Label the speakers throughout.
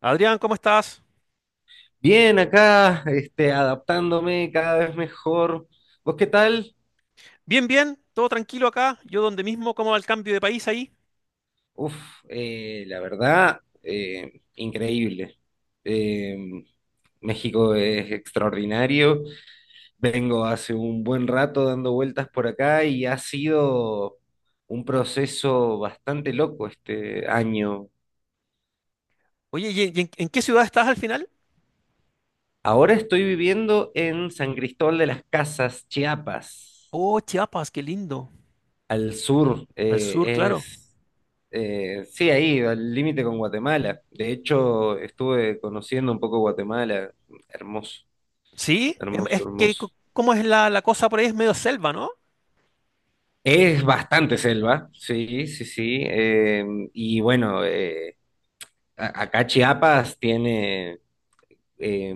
Speaker 1: Adrián, ¿cómo estás?
Speaker 2: Bien, acá, adaptándome cada vez mejor. ¿Vos qué tal?
Speaker 1: Bien, bien, todo tranquilo acá. Yo donde mismo, ¿cómo va el cambio de país ahí?
Speaker 2: Uf, la verdad, increíble. Eh, México es extraordinario. Vengo hace un buen rato dando vueltas por acá y ha sido un proceso bastante loco este año.
Speaker 1: Oye, ¿y en qué ciudad estás al final?
Speaker 2: Ahora estoy viviendo en San Cristóbal de las Casas, Chiapas,
Speaker 1: Oh, Chiapas, qué lindo.
Speaker 2: al sur,
Speaker 1: Al sur, claro.
Speaker 2: sí, ahí, al límite con Guatemala. De hecho, estuve conociendo un poco Guatemala. Hermoso,
Speaker 1: Sí, es,
Speaker 2: hermoso,
Speaker 1: es que,
Speaker 2: hermoso.
Speaker 1: ¿cómo es la cosa por ahí? Es medio selva, ¿no?
Speaker 2: Es bastante selva, sí, sí, sí. Y bueno, acá Chiapas eh,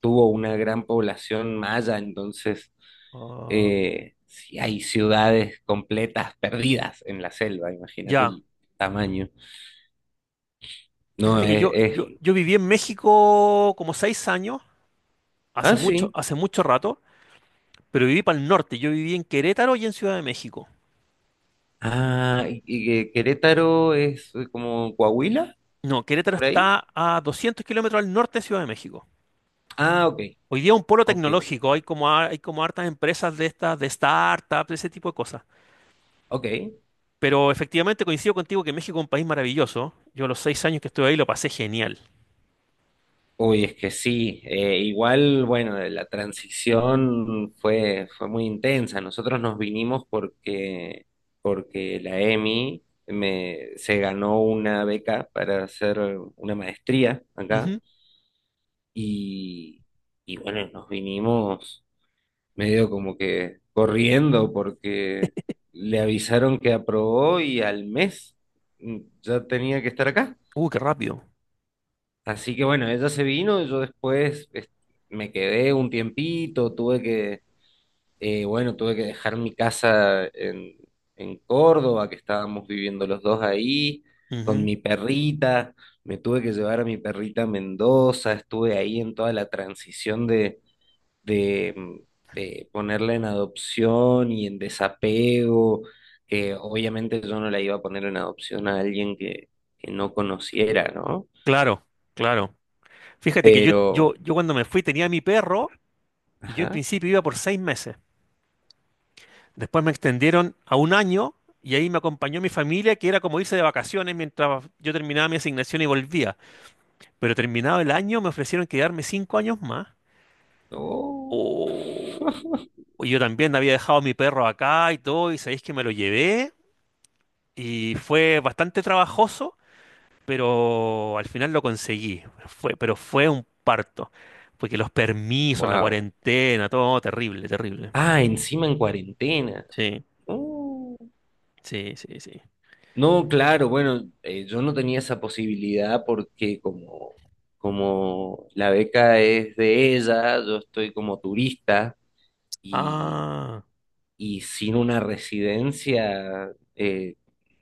Speaker 2: tuvo una gran población maya. Entonces
Speaker 1: Ah,
Speaker 2: sí hay ciudades completas perdidas en la selva, imagínate
Speaker 1: ya.
Speaker 2: el tamaño. No,
Speaker 1: Fíjate que yo, yo, yo viví en
Speaker 2: sí.
Speaker 1: México como 6 años,
Speaker 2: Ah, sí.
Speaker 1: hace mucho rato, pero viví para el norte. Yo viví en Querétaro y en Ciudad de México.
Speaker 2: Ah, y que Querétaro es como Coahuila,
Speaker 1: No, Querétaro
Speaker 2: por
Speaker 1: está
Speaker 2: ahí.
Speaker 1: a 200 kilómetros al norte de Ciudad de México.
Speaker 2: Ah, ok,
Speaker 1: Hoy día un polo
Speaker 2: ok,
Speaker 1: tecnológico, hay como, hay como hartas empresas de estas, de startups, de ese tipo de cosas.
Speaker 2: ok.
Speaker 1: Pero efectivamente coincido contigo que México es un país maravilloso. Yo los 6 años que estuve ahí lo pasé genial.
Speaker 2: Uy, es que sí. Igual, bueno, la transición fue muy intensa. Nosotros nos vinimos porque la EMI se ganó una beca para hacer una maestría acá.
Speaker 1: Ujú.
Speaker 2: Y, y bueno, nos vinimos. Medio como que corriendo porque le avisaron que aprobó y al mes, ya tenía que estar acá.
Speaker 1: Qué rápido.
Speaker 2: Así que bueno, ella se vino, yo después me quedé un tiempito, bueno, tuve que dejar mi casa en Córdoba, que estábamos viviendo los dos ahí, con
Speaker 1: Ujú.
Speaker 2: mi perrita. Me tuve que llevar a mi perrita a Mendoza, estuve ahí en toda la transición de de, mm, ponerla en adopción y en desapego. Obviamente yo no la iba a poner en adopción a alguien que no conociera, ¿no?
Speaker 1: Claro, claro. Fíjate que yo, yo,
Speaker 2: Pero,
Speaker 1: yo cuando me fui tenía mi perro y yo en
Speaker 2: ajá,
Speaker 1: principio iba por 6 meses. Después me extendieron a un año y ahí me acompañó mi familia, que era como irse de vacaciones mientras yo terminaba mi asignación y volvía. Pero terminado el año me ofrecieron quedarme 5 años más.
Speaker 2: oh,
Speaker 1: Oh, yo también había dejado a mi perro acá y todo, y sabéis que me lo llevé y fue bastante trabajoso, pero al final lo conseguí. Fue, pero fue un parto, porque los permisos, la
Speaker 2: wow.
Speaker 1: cuarentena, todo terrible, terrible.
Speaker 2: Ah, encima en cuarentena.
Speaker 1: Sí,
Speaker 2: Oh.
Speaker 1: sí, sí, sí.
Speaker 2: No, claro, bueno, yo no tenía esa posibilidad porque como la beca es de ella, yo estoy como turista y
Speaker 1: Ah,
Speaker 2: y sin una residencia,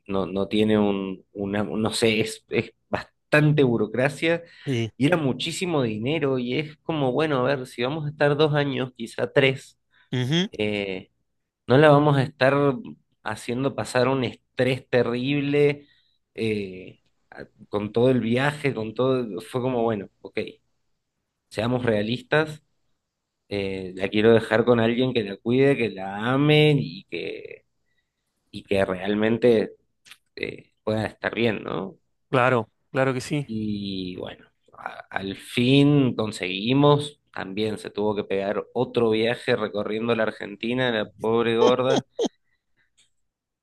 Speaker 2: no, no tiene un, una, no sé, es bastante burocracia
Speaker 1: sí.
Speaker 2: y era muchísimo dinero, y es como, bueno, a ver, si vamos a estar 2 años, quizá tres,
Speaker 1: Ujú,
Speaker 2: eh, no la vamos a estar haciendo pasar un estrés terrible, eh, con todo el viaje, con todo, fue como, bueno, ok, seamos realistas. La quiero dejar con alguien que la cuide, que la ame y que realmente pueda estar bien, ¿no?
Speaker 1: claro, claro que sí.
Speaker 2: Y bueno, al fin conseguimos. También se tuvo que pegar otro viaje recorriendo la Argentina, la pobre gorda,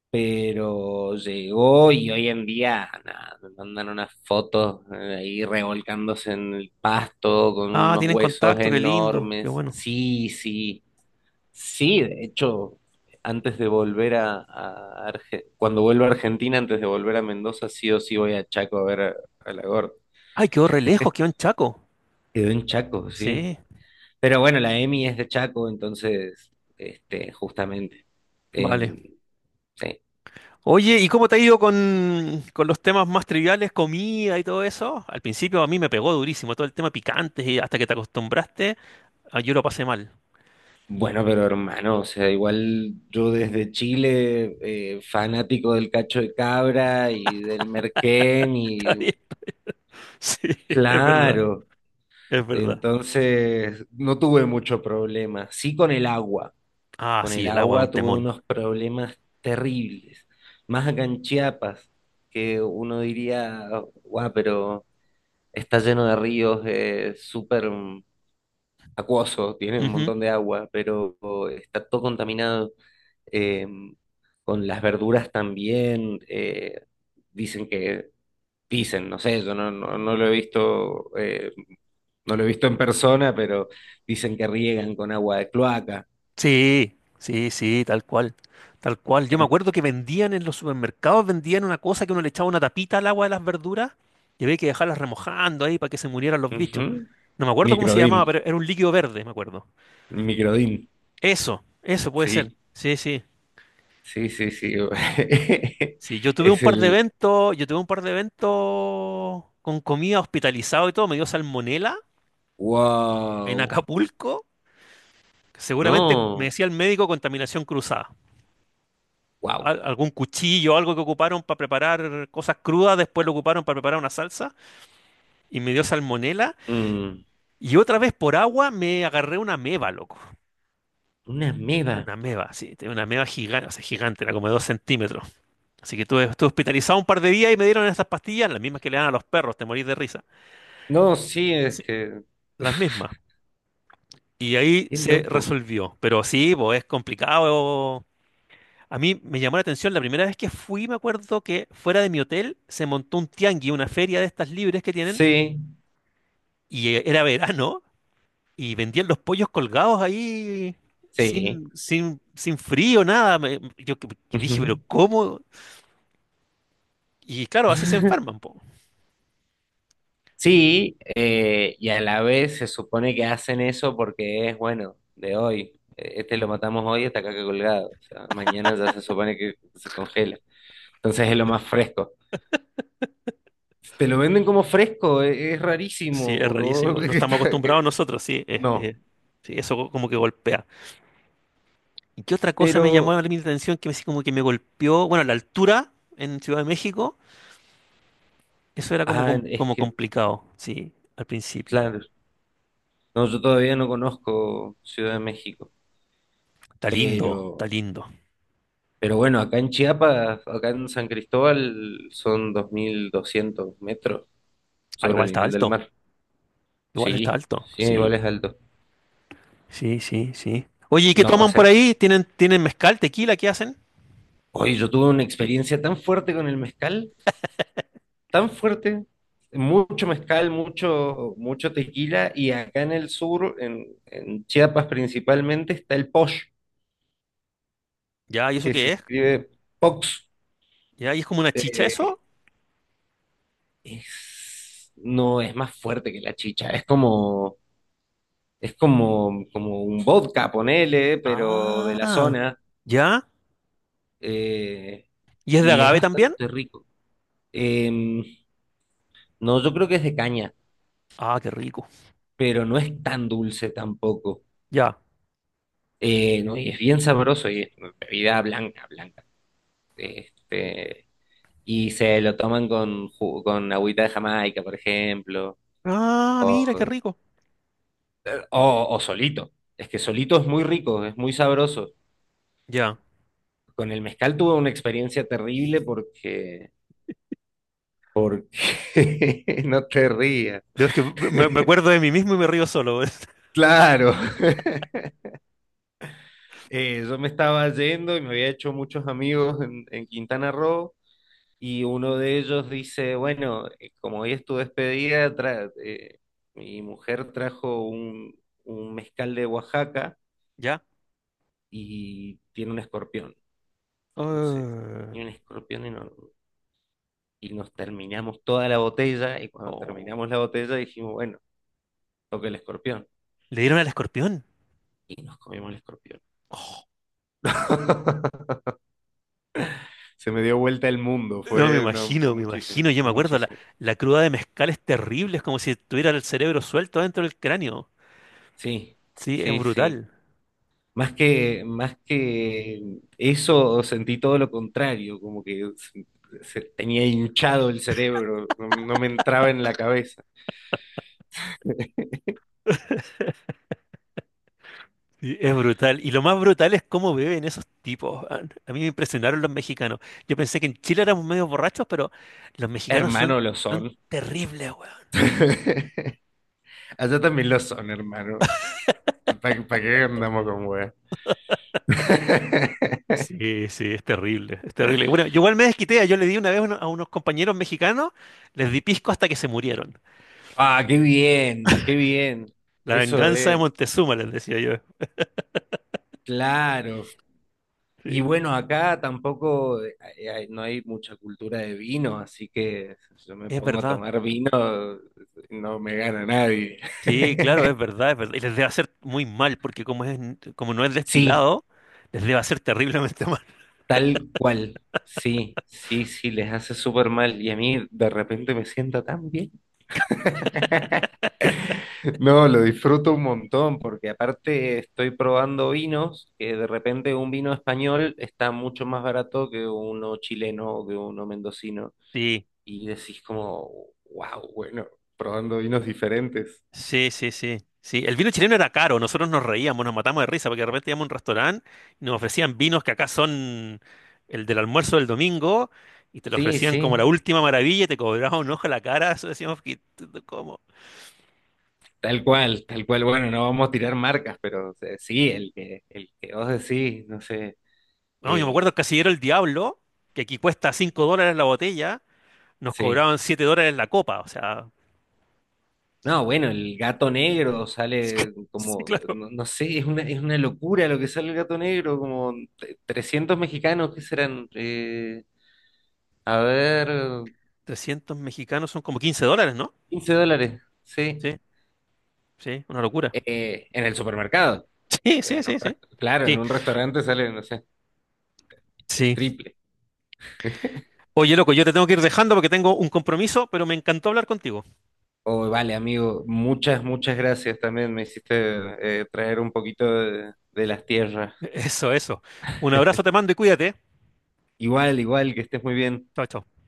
Speaker 2: pero llegó. Y hoy en día nada, me mandan unas fotos ahí revolcándose en el pasto con
Speaker 1: Ah,
Speaker 2: unos
Speaker 1: tienen
Speaker 2: huesos
Speaker 1: contacto, qué lindo, qué
Speaker 2: enormes.
Speaker 1: bueno.
Speaker 2: Sí, sí. Sí, de hecho, antes de volver cuando vuelva a Argentina, antes de volver a Mendoza, sí o sí voy a Chaco a ver a la.
Speaker 1: Ay, quedó re lejos, quedó en Chaco.
Speaker 2: Quedó en Chaco, sí.
Speaker 1: Sí,
Speaker 2: Pero bueno, la Emi es de Chaco, entonces, justamente.
Speaker 1: vale.
Speaker 2: em, sí.
Speaker 1: Oye, ¿y cómo te ha ido con los temas más triviales, comida y todo eso? Al principio a mí me pegó durísimo todo el tema picante y hasta que te acostumbraste, ah, yo lo pasé mal.
Speaker 2: Bueno, pero hermano, o sea, igual yo desde Chile, fanático del cacho de cabra y del merquén,
Speaker 1: Está
Speaker 2: y
Speaker 1: bien. Sí, es verdad,
Speaker 2: claro,
Speaker 1: es verdad.
Speaker 2: entonces no tuve mucho problema. Sí con el agua.
Speaker 1: Ah,
Speaker 2: Con el
Speaker 1: sí, el agua es un
Speaker 2: agua tuve
Speaker 1: temón.
Speaker 2: unos problemas terribles. Más acá en Chiapas, que uno diría, guau, pero está lleno de ríos, es súper acuoso, tiene un
Speaker 1: Ujú.
Speaker 2: montón de agua, pero está todo contaminado. eh, con las verduras también, dicen que, dicen, no sé, yo no, no, no lo he visto, no lo he visto en persona, pero dicen que riegan con agua de cloaca.
Speaker 1: Sí, sí, sí, tal cual, tal cual. Yo me
Speaker 2: En-
Speaker 1: acuerdo que vendían en los supermercados, vendían una cosa que uno le echaba una tapita al agua de las verduras y había que dejarlas remojando ahí para que se murieran los bichos.
Speaker 2: Ujú.
Speaker 1: No me acuerdo cómo se
Speaker 2: Microdín.
Speaker 1: llamaba, pero era un líquido verde, me acuerdo.
Speaker 2: Microdin,
Speaker 1: Eso puede ser.
Speaker 2: sí,
Speaker 1: Sí, sí.
Speaker 2: sí, sí, sí.
Speaker 1: Sí, yo tuve un
Speaker 2: Es
Speaker 1: par de
Speaker 2: el
Speaker 1: eventos, yo tuve un par de eventos con comida hospitalizado y todo, me dio salmonela en
Speaker 2: Wow.
Speaker 1: Acapulco. Seguramente me
Speaker 2: No,
Speaker 1: decía el médico contaminación cruzada.
Speaker 2: wow.
Speaker 1: Algún cuchillo, algo que ocuparon para preparar cosas crudas, después lo ocuparon para preparar una salsa y me dio salmonela.
Speaker 2: Mm,
Speaker 1: Y otra vez por agua me agarré una meba, loco.
Speaker 2: una ameba.
Speaker 1: Una meba, sí, tenía una meba gigante, o sea, gigante, era como de 2 centímetros. Así que estuve hospitalizado un par de días y me dieron estas pastillas, las mismas que le dan a los perros, te morís de risa.
Speaker 2: No, sí, es
Speaker 1: Sí.
Speaker 2: que
Speaker 1: Las mismas. Y ahí
Speaker 2: es
Speaker 1: se
Speaker 2: loco.
Speaker 1: resolvió. Pero sí, pues es complicado. A mí me llamó la atención la primera vez que fui, me acuerdo que fuera de mi hotel se montó un tianguis, una feria de estas libres que tienen,
Speaker 2: Sí,
Speaker 1: y era verano, y vendían los pollos colgados ahí
Speaker 2: sí.
Speaker 1: sin frío, nada. Yo que dije, pero
Speaker 2: Ujú.
Speaker 1: ¿cómo? Y claro, así se enferman, pues.
Speaker 2: Sí, y a la vez se supone que hacen eso porque es bueno, de hoy. Este lo matamos hoy, está acá colgado. O sea, mañana ya se supone que se congela. Entonces es lo más fresco. Te lo venden como fresco, es
Speaker 1: Sí,
Speaker 2: rarísimo,
Speaker 1: es
Speaker 2: porque vos
Speaker 1: rarísimo. No estamos acostumbrados nosotros, sí. es-
Speaker 2: no,
Speaker 1: es- sí, eso como que golpea. ¿Y qué otra cosa me llamó
Speaker 2: pero,
Speaker 1: mi atención que me, sí como que me golpeó? Bueno, la altura en Ciudad de México, eso era como,
Speaker 2: ah, es
Speaker 1: como
Speaker 2: que,
Speaker 1: complicado, sí, al principio.
Speaker 2: claro, no, yo todavía no conozco Ciudad de México,
Speaker 1: Está lindo, está
Speaker 2: pero,
Speaker 1: lindo.
Speaker 2: pero bueno, acá en Chiapas, acá en San Cristóbal, son 2.200 metros
Speaker 1: Ah,
Speaker 2: sobre el nivel del mar,
Speaker 1: igual está
Speaker 2: sí,
Speaker 1: alto,
Speaker 2: sí,
Speaker 1: sí,
Speaker 2: igual es alto.
Speaker 1: sí, sí, sí. Oye, ¿y qué
Speaker 2: No, o
Speaker 1: toman por
Speaker 2: sea,
Speaker 1: ahí? ¿Tienen mezcal, tequila? ¿Qué hacen?
Speaker 2: hoy yo tuve una experiencia tan fuerte con el mezcal, tan fuerte, mucho mezcal, mucho, mucho tequila. Y acá en el sur, en Chiapas principalmente, está el posh,
Speaker 1: Ya, ¿y eso
Speaker 2: que se
Speaker 1: qué es?
Speaker 2: escribe pox.
Speaker 1: ¿Ya? ¿Y es como una chicha
Speaker 2: Eh,
Speaker 1: eso?
Speaker 2: no, es más fuerte que la chicha, como un vodka, ponele, pero de la
Speaker 1: Ah,
Speaker 2: zona,
Speaker 1: ¿ya?
Speaker 2: eh,
Speaker 1: ¿Y es de
Speaker 2: y es
Speaker 1: agave también?
Speaker 2: bastante rico. Em, no, yo creo que es de caña,
Speaker 1: Ah, qué rico.
Speaker 2: pero no es tan dulce tampoco.
Speaker 1: Ya.
Speaker 2: No, y es bien sabroso, y es bebida blanca, blanca. Este, y se lo toman con agüita de Jamaica, por ejemplo,
Speaker 1: Ah, mira, qué
Speaker 2: o,
Speaker 1: rico.
Speaker 2: o solito. Es que solito es muy rico, es muy sabroso.
Speaker 1: Ya.
Speaker 2: Con el mezcal tuve una experiencia terrible porque no te rías.
Speaker 1: Dios, que me acuerdo de mí mismo y me río solo.
Speaker 2: Claro, yo me estaba yendo y me había hecho muchos amigos en Quintana Roo. Y uno de ellos dice, bueno, como hoy es tu despedida, mi mujer trajo un mezcal de Oaxaca,
Speaker 1: Ya.
Speaker 2: y tiene un escorpión. Entonces,
Speaker 1: Ah.
Speaker 2: tiene un escorpión y, no- y nos terminamos toda la botella, y cuando
Speaker 1: Oh.
Speaker 2: terminamos la botella dijimos, bueno, toca el escorpión.
Speaker 1: Le dieron al escorpión.
Speaker 2: Y nos comimos el escorpión.
Speaker 1: Oh,
Speaker 2: Se me dio vuelta el mundo,
Speaker 1: no me
Speaker 2: no, fue
Speaker 1: imagino, me
Speaker 2: muchísimo,
Speaker 1: imagino. Yo me
Speaker 2: fue
Speaker 1: acuerdo, la,
Speaker 2: muchísimo.
Speaker 1: la cruda de mezcal es terrible. Es como si tuviera el cerebro suelto dentro del cráneo.
Speaker 2: Sí,
Speaker 1: Sí, es
Speaker 2: sí, sí.
Speaker 1: brutal.
Speaker 2: Más que eso, sentí todo lo contrario, como que se tenía hinchado el cerebro, no, no me entraba en la cabeza.
Speaker 1: Sí, es brutal. Y lo más brutal es cómo beben esos tipos. Weón. A mí me impresionaron los mexicanos. Yo pensé que en Chile éramos medio borrachos, pero los mexicanos son,
Speaker 2: Hermano, lo
Speaker 1: son
Speaker 2: son.
Speaker 1: terribles, weón.
Speaker 2: Allá también lo son, hermano. ¿Para qué andamos con weas?
Speaker 1: Sí, sí, es terrible, es terrible. Bueno, yo igual me desquité, yo le di una vez a a unos compañeros mexicanos, les di pisco hasta que se murieron.
Speaker 2: Ah, qué bien, qué bien.
Speaker 1: La
Speaker 2: Eso
Speaker 1: venganza de
Speaker 2: es,
Speaker 1: Montezuma, les decía yo.
Speaker 2: claro.
Speaker 1: Sí,
Speaker 2: Y bueno, acá tampoco no hay mucha cultura de vino, así que si yo me
Speaker 1: es
Speaker 2: pongo a
Speaker 1: verdad.
Speaker 2: tomar vino, no me gana nadie.
Speaker 1: Sí, claro, es verdad, es verdad. Y les debe hacer muy mal, porque como es, como no es
Speaker 2: Sí,
Speaker 1: destilado, les debe hacer terriblemente mal.
Speaker 2: tal cual. Sí, sí, sí, les hace súper mal. Y a mí de repente me sienta tan bien. No, lo disfruto un montón, porque aparte estoy probando vinos, que de repente un vino español está mucho más barato que uno chileno o que uno mendocino.
Speaker 1: sí,
Speaker 2: Y decís como, wow, bueno, probando vinos diferentes.
Speaker 1: sí, sí, sí. Sí, el vino chileno era caro, nosotros nos reíamos, nos matamos de risa, porque de repente íbamos a un restaurante y nos ofrecían vinos que acá son el del almuerzo del domingo, y te lo
Speaker 2: Sí,
Speaker 1: ofrecían
Speaker 2: sí,
Speaker 1: como la última maravilla y te cobraban un ojo a la cara, eso decíamos que, ¿cómo?
Speaker 2: tal cual, tal cual. Bueno, no vamos a tirar marcas, pero o sí, el que vos decís, no sé,
Speaker 1: No, yo me acuerdo el
Speaker 2: eh,
Speaker 1: Casillero el Diablo, que aquí cuesta 5 dólares la botella, nos
Speaker 2: sí.
Speaker 1: cobraban 7 dólares la copa, o sea,
Speaker 2: No, bueno, el gato negro sale
Speaker 1: sí,
Speaker 2: como,
Speaker 1: claro,
Speaker 2: no, no sé, es una locura lo que sale el gato negro, como 300 mexicanos, ¿qué serán? A ver,
Speaker 1: trescientos mexicanos son como 15 dólares, ¿no?
Speaker 2: 15 dólares, sí,
Speaker 1: Sí, sí, una locura.
Speaker 2: en el supermercado.
Speaker 1: Sí, sí, sí, sí.
Speaker 2: Claro, en
Speaker 1: Sí,
Speaker 2: un restaurante sale, no sé, el
Speaker 1: sí.
Speaker 2: triple.
Speaker 1: Oye, loco, yo te tengo que ir dejando porque tengo un compromiso, pero me encantó hablar contigo.
Speaker 2: Oh, vale, amigo, muchas, muchas gracias también. Me hiciste traer un poquito de las tierras.
Speaker 1: Eso, eso. Un abrazo te mando y cuídate.
Speaker 2: Igual, igual, que estés muy bien.
Speaker 1: Chao, chao.